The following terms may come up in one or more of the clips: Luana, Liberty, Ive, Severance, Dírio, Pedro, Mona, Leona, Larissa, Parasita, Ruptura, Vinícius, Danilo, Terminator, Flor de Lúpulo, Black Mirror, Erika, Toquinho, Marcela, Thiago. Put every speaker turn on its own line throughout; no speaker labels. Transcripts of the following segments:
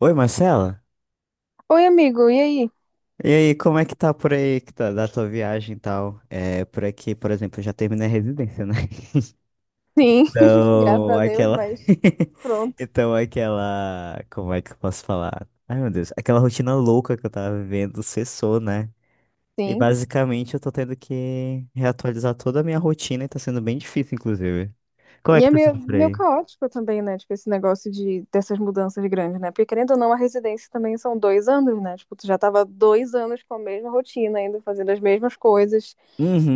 Oi, Marcela.
Oi, amigo, e aí?
E aí, como é que tá por aí, da tua viagem e tal? Por aqui, por exemplo, eu já terminei a residência, né?
Sim, graças
Então,
a Deus,
aquela...
mas pronto,
Como é que eu posso falar? Ai, meu Deus. Aquela rotina louca que eu tava vivendo cessou, né? E
sim.
basicamente eu tô tendo que reatualizar toda a minha rotina e tá sendo bem difícil, inclusive. Como é
E
que
é
tá
meio,
sendo por
meio
aí?
caótico também, né? Tipo, esse negócio dessas mudanças grandes, né? Porque querendo ou não, a residência também são dois anos, né? Tipo, tu já tava dois anos com a mesma rotina, ainda fazendo as mesmas coisas.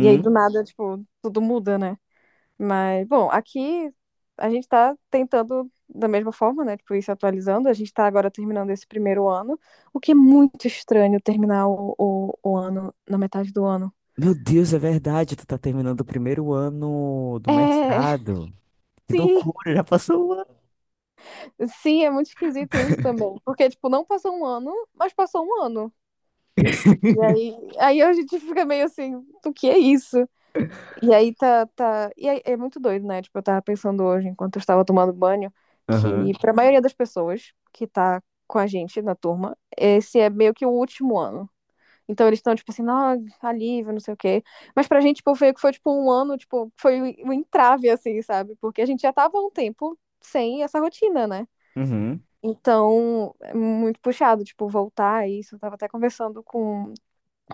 E aí, do nada, tipo, tudo muda, né? Mas, bom, aqui a gente tá tentando da mesma forma, né? Tipo, ir se atualizando. A gente tá agora terminando esse primeiro ano, o que é muito estranho terminar o ano na metade do ano.
Meu Deus, é verdade. Tu tá terminando o primeiro ano do
É,
mestrado. Que
sim,
loucura, já passou um.
sim. É muito esquisito isso também. Porque, tipo, não passou um ano, mas passou um ano. E aí a gente fica meio assim, o que é isso? E aí tá, tá. E aí, é muito doido, né? Tipo, eu tava pensando hoje, enquanto eu estava tomando banho, que
Aham.
pra maioria das pessoas que tá com a gente na turma, esse é meio que o último ano. Então eles estão, tipo assim, ah, alívio, não sei o quê. Mas pra gente, tipo, foi tipo um ano, tipo, foi um entrave, assim, sabe? Porque a gente já tava há um tempo sem essa rotina, né?
Uhum.
Então, é muito puxado, tipo, voltar a isso. Eu tava até conversando com,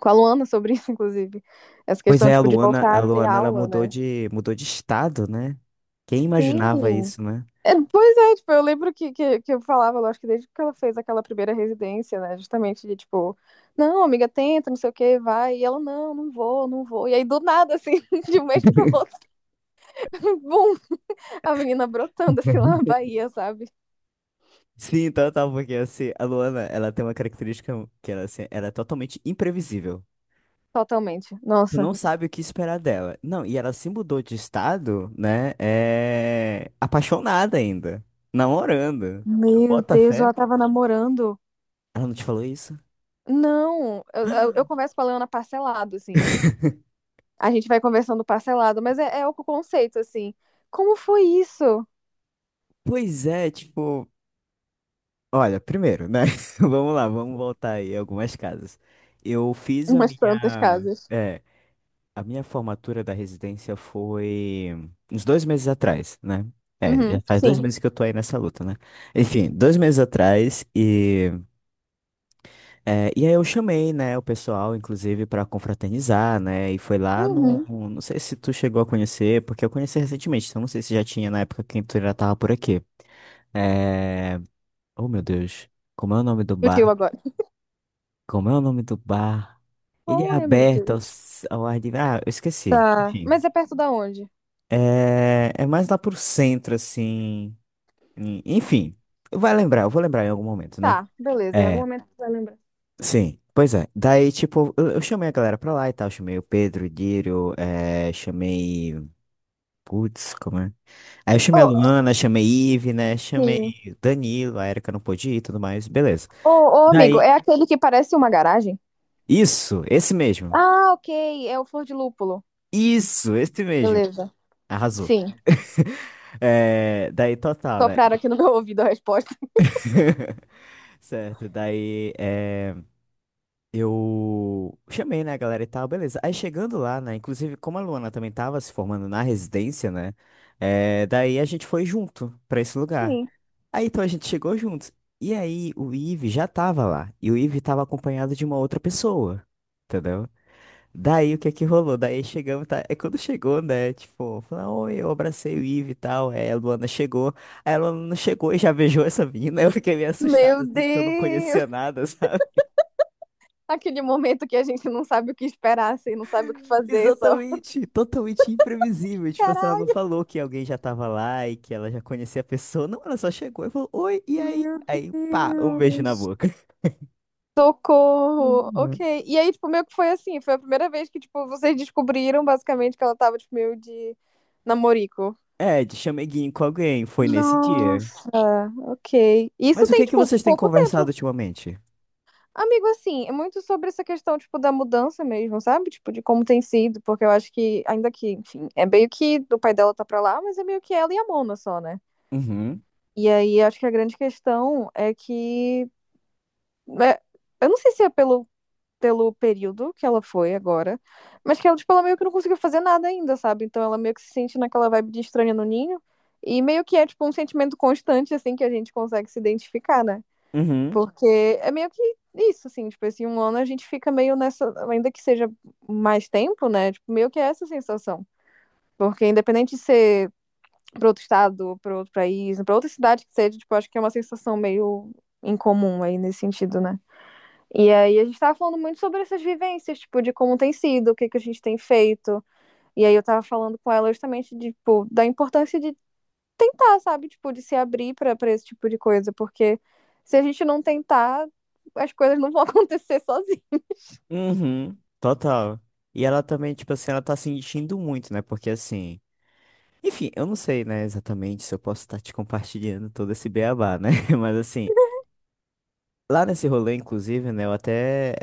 com a Luana sobre isso, inclusive. Essa
Pois
questão,
é, a
tipo, de
Luana,
voltar a ter
Ela
aula, né?
mudou de estado, né? Quem imaginava
Sim.
isso, né?
É, pois é, tipo, eu lembro que eu falava, eu acho que desde que ela fez aquela primeira residência, né? Justamente de, tipo, não, amiga, tenta, não sei o que, vai. E ela, não, não vou. E aí, do nada, assim, de um mês pro outro, bum, a menina brotando, assim, lá na Bahia, sabe?
Sim, então tá, porque assim, a Luana, ela tem uma característica que ela, assim, ela é totalmente imprevisível.
Totalmente.
Tu
Nossa.
não sabe o que esperar dela. Não, e ela se mudou de estado, né? Apaixonada ainda. Namorando. Tu
Meu
bota
Deus,
fé?
ela tava namorando.
Ela não te falou isso?
Não, eu converso com a Leona parcelado, assim. A gente vai conversando parcelado, mas é o conceito, assim. Como foi isso?
Pois é, tipo. Olha, primeiro, né? Vamos lá, vamos voltar aí algumas casas. Eu fiz a
Umas tantas
minha,
casas.
é, a minha formatura da residência foi uns 2 meses atrás, né? Já
Uhum,
faz dois
sim.
meses que eu tô aí nessa luta, né? Enfim, 2 meses atrás e aí eu chamei, né, o pessoal, inclusive, pra confraternizar, né? E foi lá no,
Uhum.
não sei se tu chegou a conhecer, porque eu conheci recentemente, então não sei se já tinha na época que tu já tava por aqui. É, oh meu Deus, como é o nome do bar?
Fugiu agora.
Como é o nome do bar? Ele é
Qual é, meu
aberto ao,
Deus?
s- ao ar livre. Ah, eu esqueci.
Tá.
Enfim.
Mas é perto da onde?
É mais lá pro centro, assim. Enfim. Eu vou lembrar em algum momento, né?
Tá, beleza. Em algum
É,
momento você vai lembrar.
sim. Pois é. Daí, tipo, eu chamei a galera pra lá e tal. Chamei o Pedro, o Dírio, chamei. Putz, como é? Aí eu chamei a
Ô,
Luana, chamei Ive, né? Chamei
sim.
o Danilo, a Erika não pôde ir e tudo mais. Beleza.
Ô, ô, amigo,
Daí,
é aquele que parece uma garagem?
isso, esse mesmo.
Ah, ok. É o Flor de Lúpulo.
Isso, esse mesmo.
Beleza.
Arrasou.
Sim.
Daí total, né?
Sopraram aqui no meu ouvido a resposta.
Certo, daí eu chamei, né, a galera e tal, beleza. Aí chegando lá, né, inclusive como a Luana também tava se formando na residência, né, daí a gente foi junto pra esse lugar.
Sim.
Aí então a gente chegou juntos. E aí o Ive já tava lá, e o Ive tava acompanhado de uma outra pessoa, entendeu? Daí o que é que rolou? Daí chegamos, tá? É quando chegou, né? Tipo, falou, oi, eu abracei o Ive e tal. Aí a Luana chegou. Aí a Luana chegou e já beijou essa menina. Eu fiquei meio assustado,
Meu
assim, que eu não
Deus!
conhecia nada, sabe?
Aquele momento que a gente não sabe o que esperar, assim, não sabe o que fazer, só.
Exatamente, totalmente imprevisível. Tipo, assim, ela não
Caralho,
falou que alguém já tava lá e que ela já conhecia a pessoa. Não, ela só chegou e falou, oi, e aí?
meu
Aí, pá, um beijo na
Deus.
boca.
Socorro. Ok.
Uhum.
E aí, tipo, meio que foi assim, foi a primeira vez que, tipo, vocês descobriram basicamente que ela tava, tipo, meio de namorico.
É, de chameguinho com alguém, foi nesse dia.
Nossa, ok. Isso
Mas o que
tem,
é que
tipo,
vocês têm
pouco
conversado
tempo.
ultimamente?
Amigo, assim, é muito sobre essa questão, tipo, da mudança mesmo, sabe? Tipo, de como tem sido, porque eu acho que, ainda que, enfim, é meio que o pai dela tá pra lá, mas é meio que ela e a Mona só, né?
Uhum,
E aí acho que a grande questão é que. é, eu não sei se é pelo período que ela foi agora, mas que ela, tipo, ela meio que não conseguiu fazer nada ainda, sabe? Então ela meio que se sente naquela vibe de estranha no ninho. E meio que é, tipo, um sentimento constante, assim, que a gente consegue se identificar, né?
uhum.
Porque é meio que isso, assim, tipo, esse um ano a gente fica meio nessa, ainda que seja mais tempo, né? Tipo, meio que é essa sensação. Porque independente de ser para outro estado, para outro país, para outra cidade que seja, tipo, acho que é uma sensação meio incomum aí nesse sentido, né? E aí a gente tava falando muito sobre essas vivências, tipo, de como tem sido, o que que a gente tem feito. E aí eu tava falando com ela justamente de, tipo, da importância de tentar, sabe? Tipo, de se abrir para esse tipo de coisa, porque se a gente não tentar, as coisas não vão acontecer sozinhas.
Uhum, total. E ela também, tipo assim, ela tá sentindo muito, né? Porque assim, enfim, eu não sei, né, exatamente se eu posso estar te compartilhando todo esse beabá, né? Mas assim, lá nesse rolê, inclusive, né, eu até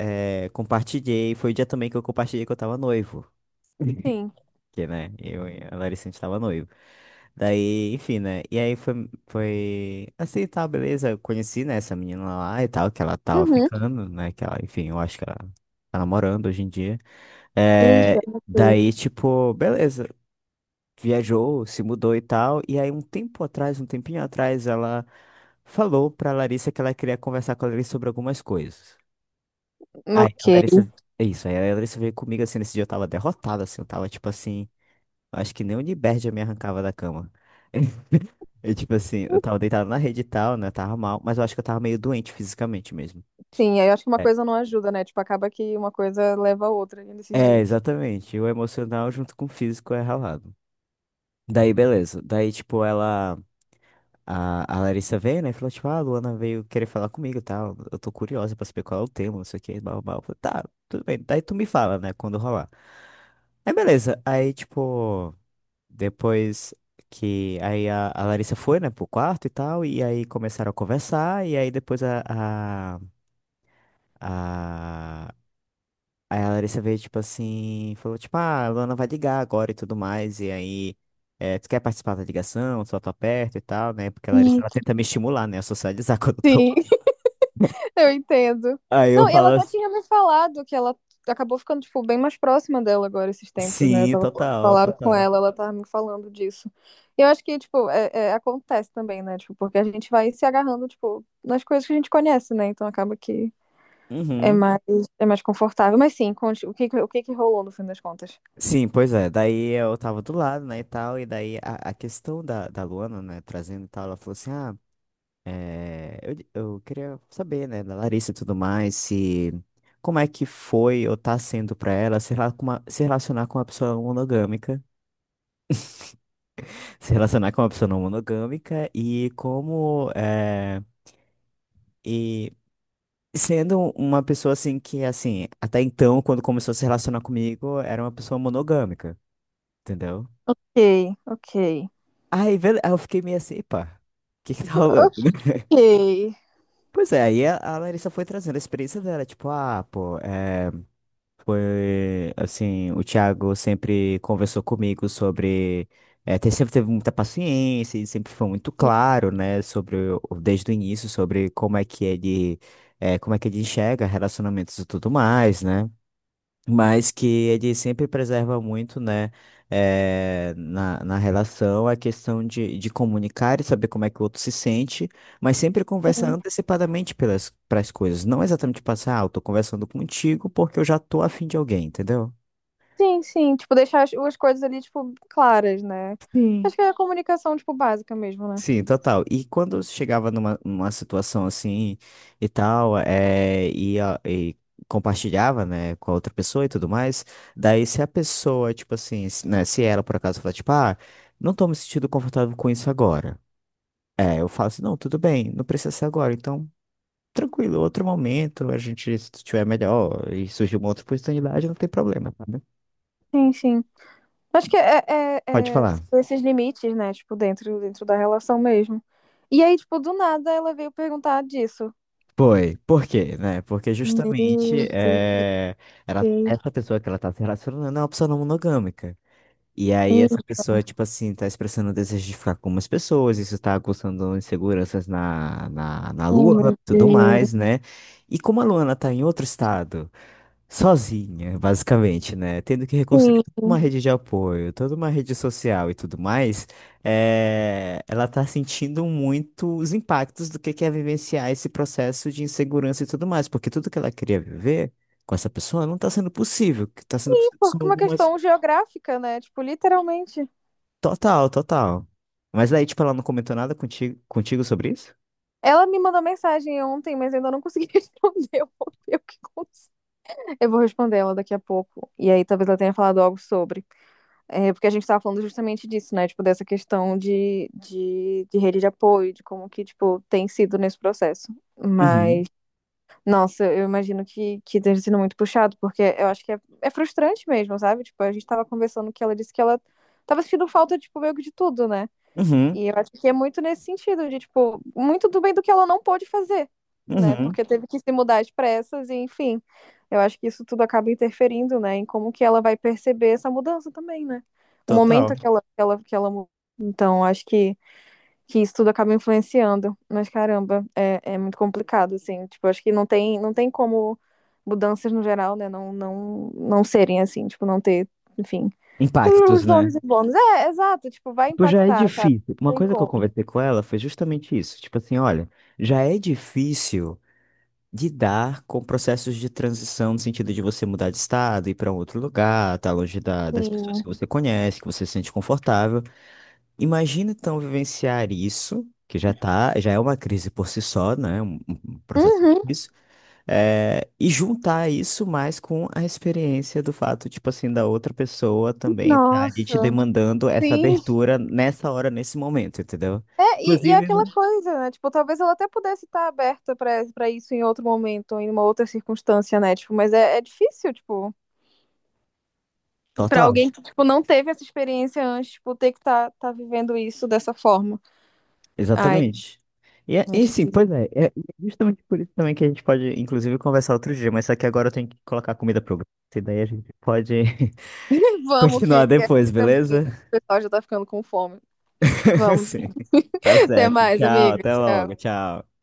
compartilhei, foi o dia também que eu compartilhei que eu tava noivo.
Sim.
Que, né? Eu, e a Larissa, a gente tava noivo. Daí, enfim, né? E aí foi assim, tá, beleza. Eu conheci, né, essa menina lá e tal, que ela tava
Uhum.
ficando, né? Que ela, enfim, eu acho que ela tá namorando hoje em dia. É,
Eita, ok.
daí, tipo, beleza. Viajou, se mudou e tal. E aí, um tempo atrás, um tempinho atrás, ela falou pra Larissa que ela queria conversar com a Larissa sobre algumas coisas. Aí, a Larissa.
Ok.
Isso, aí a Larissa veio comigo assim, nesse dia eu tava derrotado, assim, eu tava tipo assim. Acho que nem o Liberty eu me arrancava da cama. E tipo assim, eu tava deitado na rede e tal, né? Tava mal, mas eu acho que eu tava meio doente fisicamente mesmo.
Sim, aí eu acho que uma
É,
coisa não ajuda, né? Tipo, acaba que uma coisa leva a outra nesses
é,
dias.
exatamente. O emocional junto com o físico é ralado. Daí, beleza. Daí, tipo, ela. A Larissa veio, né? E falou, tipo, ah, a Luana veio querer falar comigo e tal. Eu tô curiosa pra saber qual é o tema, não sei o que, blá, blá, blá. Eu falei, tá, tudo bem. Daí tu me fala, né? Quando rolar. Aí, beleza. Aí, tipo. Depois que aí a Larissa foi, né, pro quarto e tal, e aí começaram a conversar, e aí depois a, aí a Larissa veio, tipo assim, falou, tipo, ah, a Luana vai ligar agora e tudo mais, e aí, tu quer participar da ligação, só tô perto e tal, né, porque a Larissa,
Hum,
ela tenta me estimular, né, a socializar quando eu tô.
Sim, eu entendo.
Aí eu
Não, e
falo
ela até
assim,
tinha me falado que ela acabou ficando, tipo, bem mais próxima dela agora esses tempos, né? Eu
sim,
tava
total,
falando com
total.
ela, ela tava me falando disso. E eu acho que, tipo, é, acontece também, né? Tipo, porque a gente vai se agarrando, tipo, nas coisas que a gente conhece, né? Então acaba que é
Uhum.
mais, é mais confortável. Mas sim, conte, o que que rolou no fim das contas?
Sim, pois é. Daí eu tava do lado, né, e tal. E daí a questão da Luana, né, trazendo e tal, ela falou assim, ah, eu queria saber, né, da Larissa e tudo mais, se como é que foi ou tá sendo pra ela se relacionar com uma pessoa monogâmica, se relacionar com uma pessoa não monogâmica e e sendo uma pessoa assim que assim, até então quando começou a se relacionar comigo, era uma pessoa monogâmica, entendeu?
Ok, ok.
Aí eu fiquei meio assim, pá, o que que tá rolando, né?
Ok.
Pois é, aí a Larissa foi trazendo a experiência dela, tipo, ah, pô, é. Foi assim, o Thiago sempre conversou comigo sobre. Sempre teve muita paciência e sempre foi muito claro, né, sobre desde o início, sobre como é que ele, é, como é que ele enxerga relacionamentos e tudo mais, né? Mas que ele sempre preserva muito, né, na relação, a questão de comunicar e saber como é que o outro se sente, mas sempre conversa
Uhum.
antecipadamente pelas pras coisas, não exatamente passar, ah, eu tô conversando contigo porque eu já tô afim de alguém, entendeu?
Sim, sim, tipo, deixar as, as coisas ali, tipo, claras, né?
Sim.
Acho que é a comunicação, tipo, básica mesmo, né?
Sim, total. E quando você chegava numa situação assim e tal, e compartilhava, né, com a outra pessoa e tudo mais, daí se a pessoa, tipo assim, né, se ela por acaso falar, tipo, ah, não tô me sentindo confortável com isso agora. Eu falo assim, não, tudo bem, não precisa ser agora, então, tranquilo, outro momento, a gente, se tiver melhor e surgir uma outra oportunidade, não tem problema, tá, né?
Sim, sim. Acho que é, é,
Pode
é,
falar.
tipo, esses limites, né? Tipo, dentro da relação mesmo. E aí, tipo, do nada ela veio perguntar disso.
Foi. Por quê, né? Porque
Meu
justamente
Deus.
é, ela,
Ih,
essa pessoa que ela tá se relacionando é uma pessoa não monogâmica. E aí essa pessoa, tipo assim, tá expressando o desejo de ficar com umas pessoas, isso tá causando inseguranças na
oh,
Luana
meu
e tudo
Deus.
mais, né? E como a Luana tá em outro estado, sozinha, basicamente, né? Tendo que reconstruir
Sim.
toda uma rede de apoio, toda uma rede social e tudo mais, ela tá sentindo muito os impactos do que é vivenciar esse processo de insegurança e tudo mais, porque tudo que ela queria viver com essa pessoa não tá sendo possível. O que tá sendo
E
possível
por
são
uma
algumas.
questão geográfica, né? Tipo, literalmente.
Total, total. Mas daí, tipo, ela não comentou nada contigo sobre isso?
Ela me mandou mensagem ontem, mas eu ainda não consegui responder. Eu vou ver o que aconteceu. Eu vou responder ela daqui a pouco. E aí talvez ela tenha falado algo sobre. É, porque a gente estava falando justamente disso, né? Tipo, dessa questão de rede de apoio, de como que, tipo, tem sido nesse processo.
Uhum,
Mas, nossa, eu imagino que tenha sido muito puxado, porque eu acho que é frustrante mesmo, sabe? Tipo, a gente estava conversando que ela disse que ela tava sentindo falta, tipo, meio que de tudo, né?
uhum,
E eu acho que é muito nesse sentido, de, tipo, muito do bem do que ela não pôde fazer, né?
uhum.
Porque teve que se mudar às pressas, e enfim. Eu acho que isso tudo acaba interferindo, né? Em como que ela vai perceber essa mudança também, né? O momento
Total.
que ela, que ela muda. Então, acho que isso tudo acaba influenciando. Mas, caramba, é muito complicado, assim. Tipo, acho que não tem como mudanças no geral, né? Não serem assim, tipo, não ter, enfim. Tem
Impactos,
os
né?
ônus e bônus. É, exato, tipo, vai
Tipo, já é
impactar, sabe?
difícil. Uma
Não tem
coisa que eu
como.
conversei com ela foi justamente isso. Tipo assim, olha, já é difícil lidar com processos de transição no sentido de você mudar de estado, ir para um outro lugar, estar longe das pessoas que
Sim.
você conhece, que você se sente confortável. Imagina então vivenciar isso, que já é uma crise por si só, né? Um processo
Uhum.
difícil. E juntar isso mais com a experiência do fato, tipo assim, da outra pessoa também tá ali te
Nossa.
demandando essa
Sim.
abertura nessa hora, nesse momento, entendeu?
É, e é
Inclusive,
aquela
né?
coisa, né? Tipo, talvez ela até pudesse estar aberta pra para isso em outro momento, em uma outra circunstância, né? Tipo, mas é difícil, tipo, pra
Total.
alguém que tipo não teve essa experiência antes, tipo, ter que tá vivendo isso dessa forma. Ai,
Exatamente. E, é-
é
e sim, pois
difícil.
é, é justamente por isso também que a gente pode, inclusive, conversar outro dia, mas só que agora eu tenho que colocar a comida pro gato, daí a gente pode
Vamos que
continuar
que aqui
depois,
também o
beleza?
pessoal já tá ficando com fome. Vamos.
Sim. Tá
Até
certo.
mais,
Tchau,
amiga.
até
Tchau.
logo, tchau.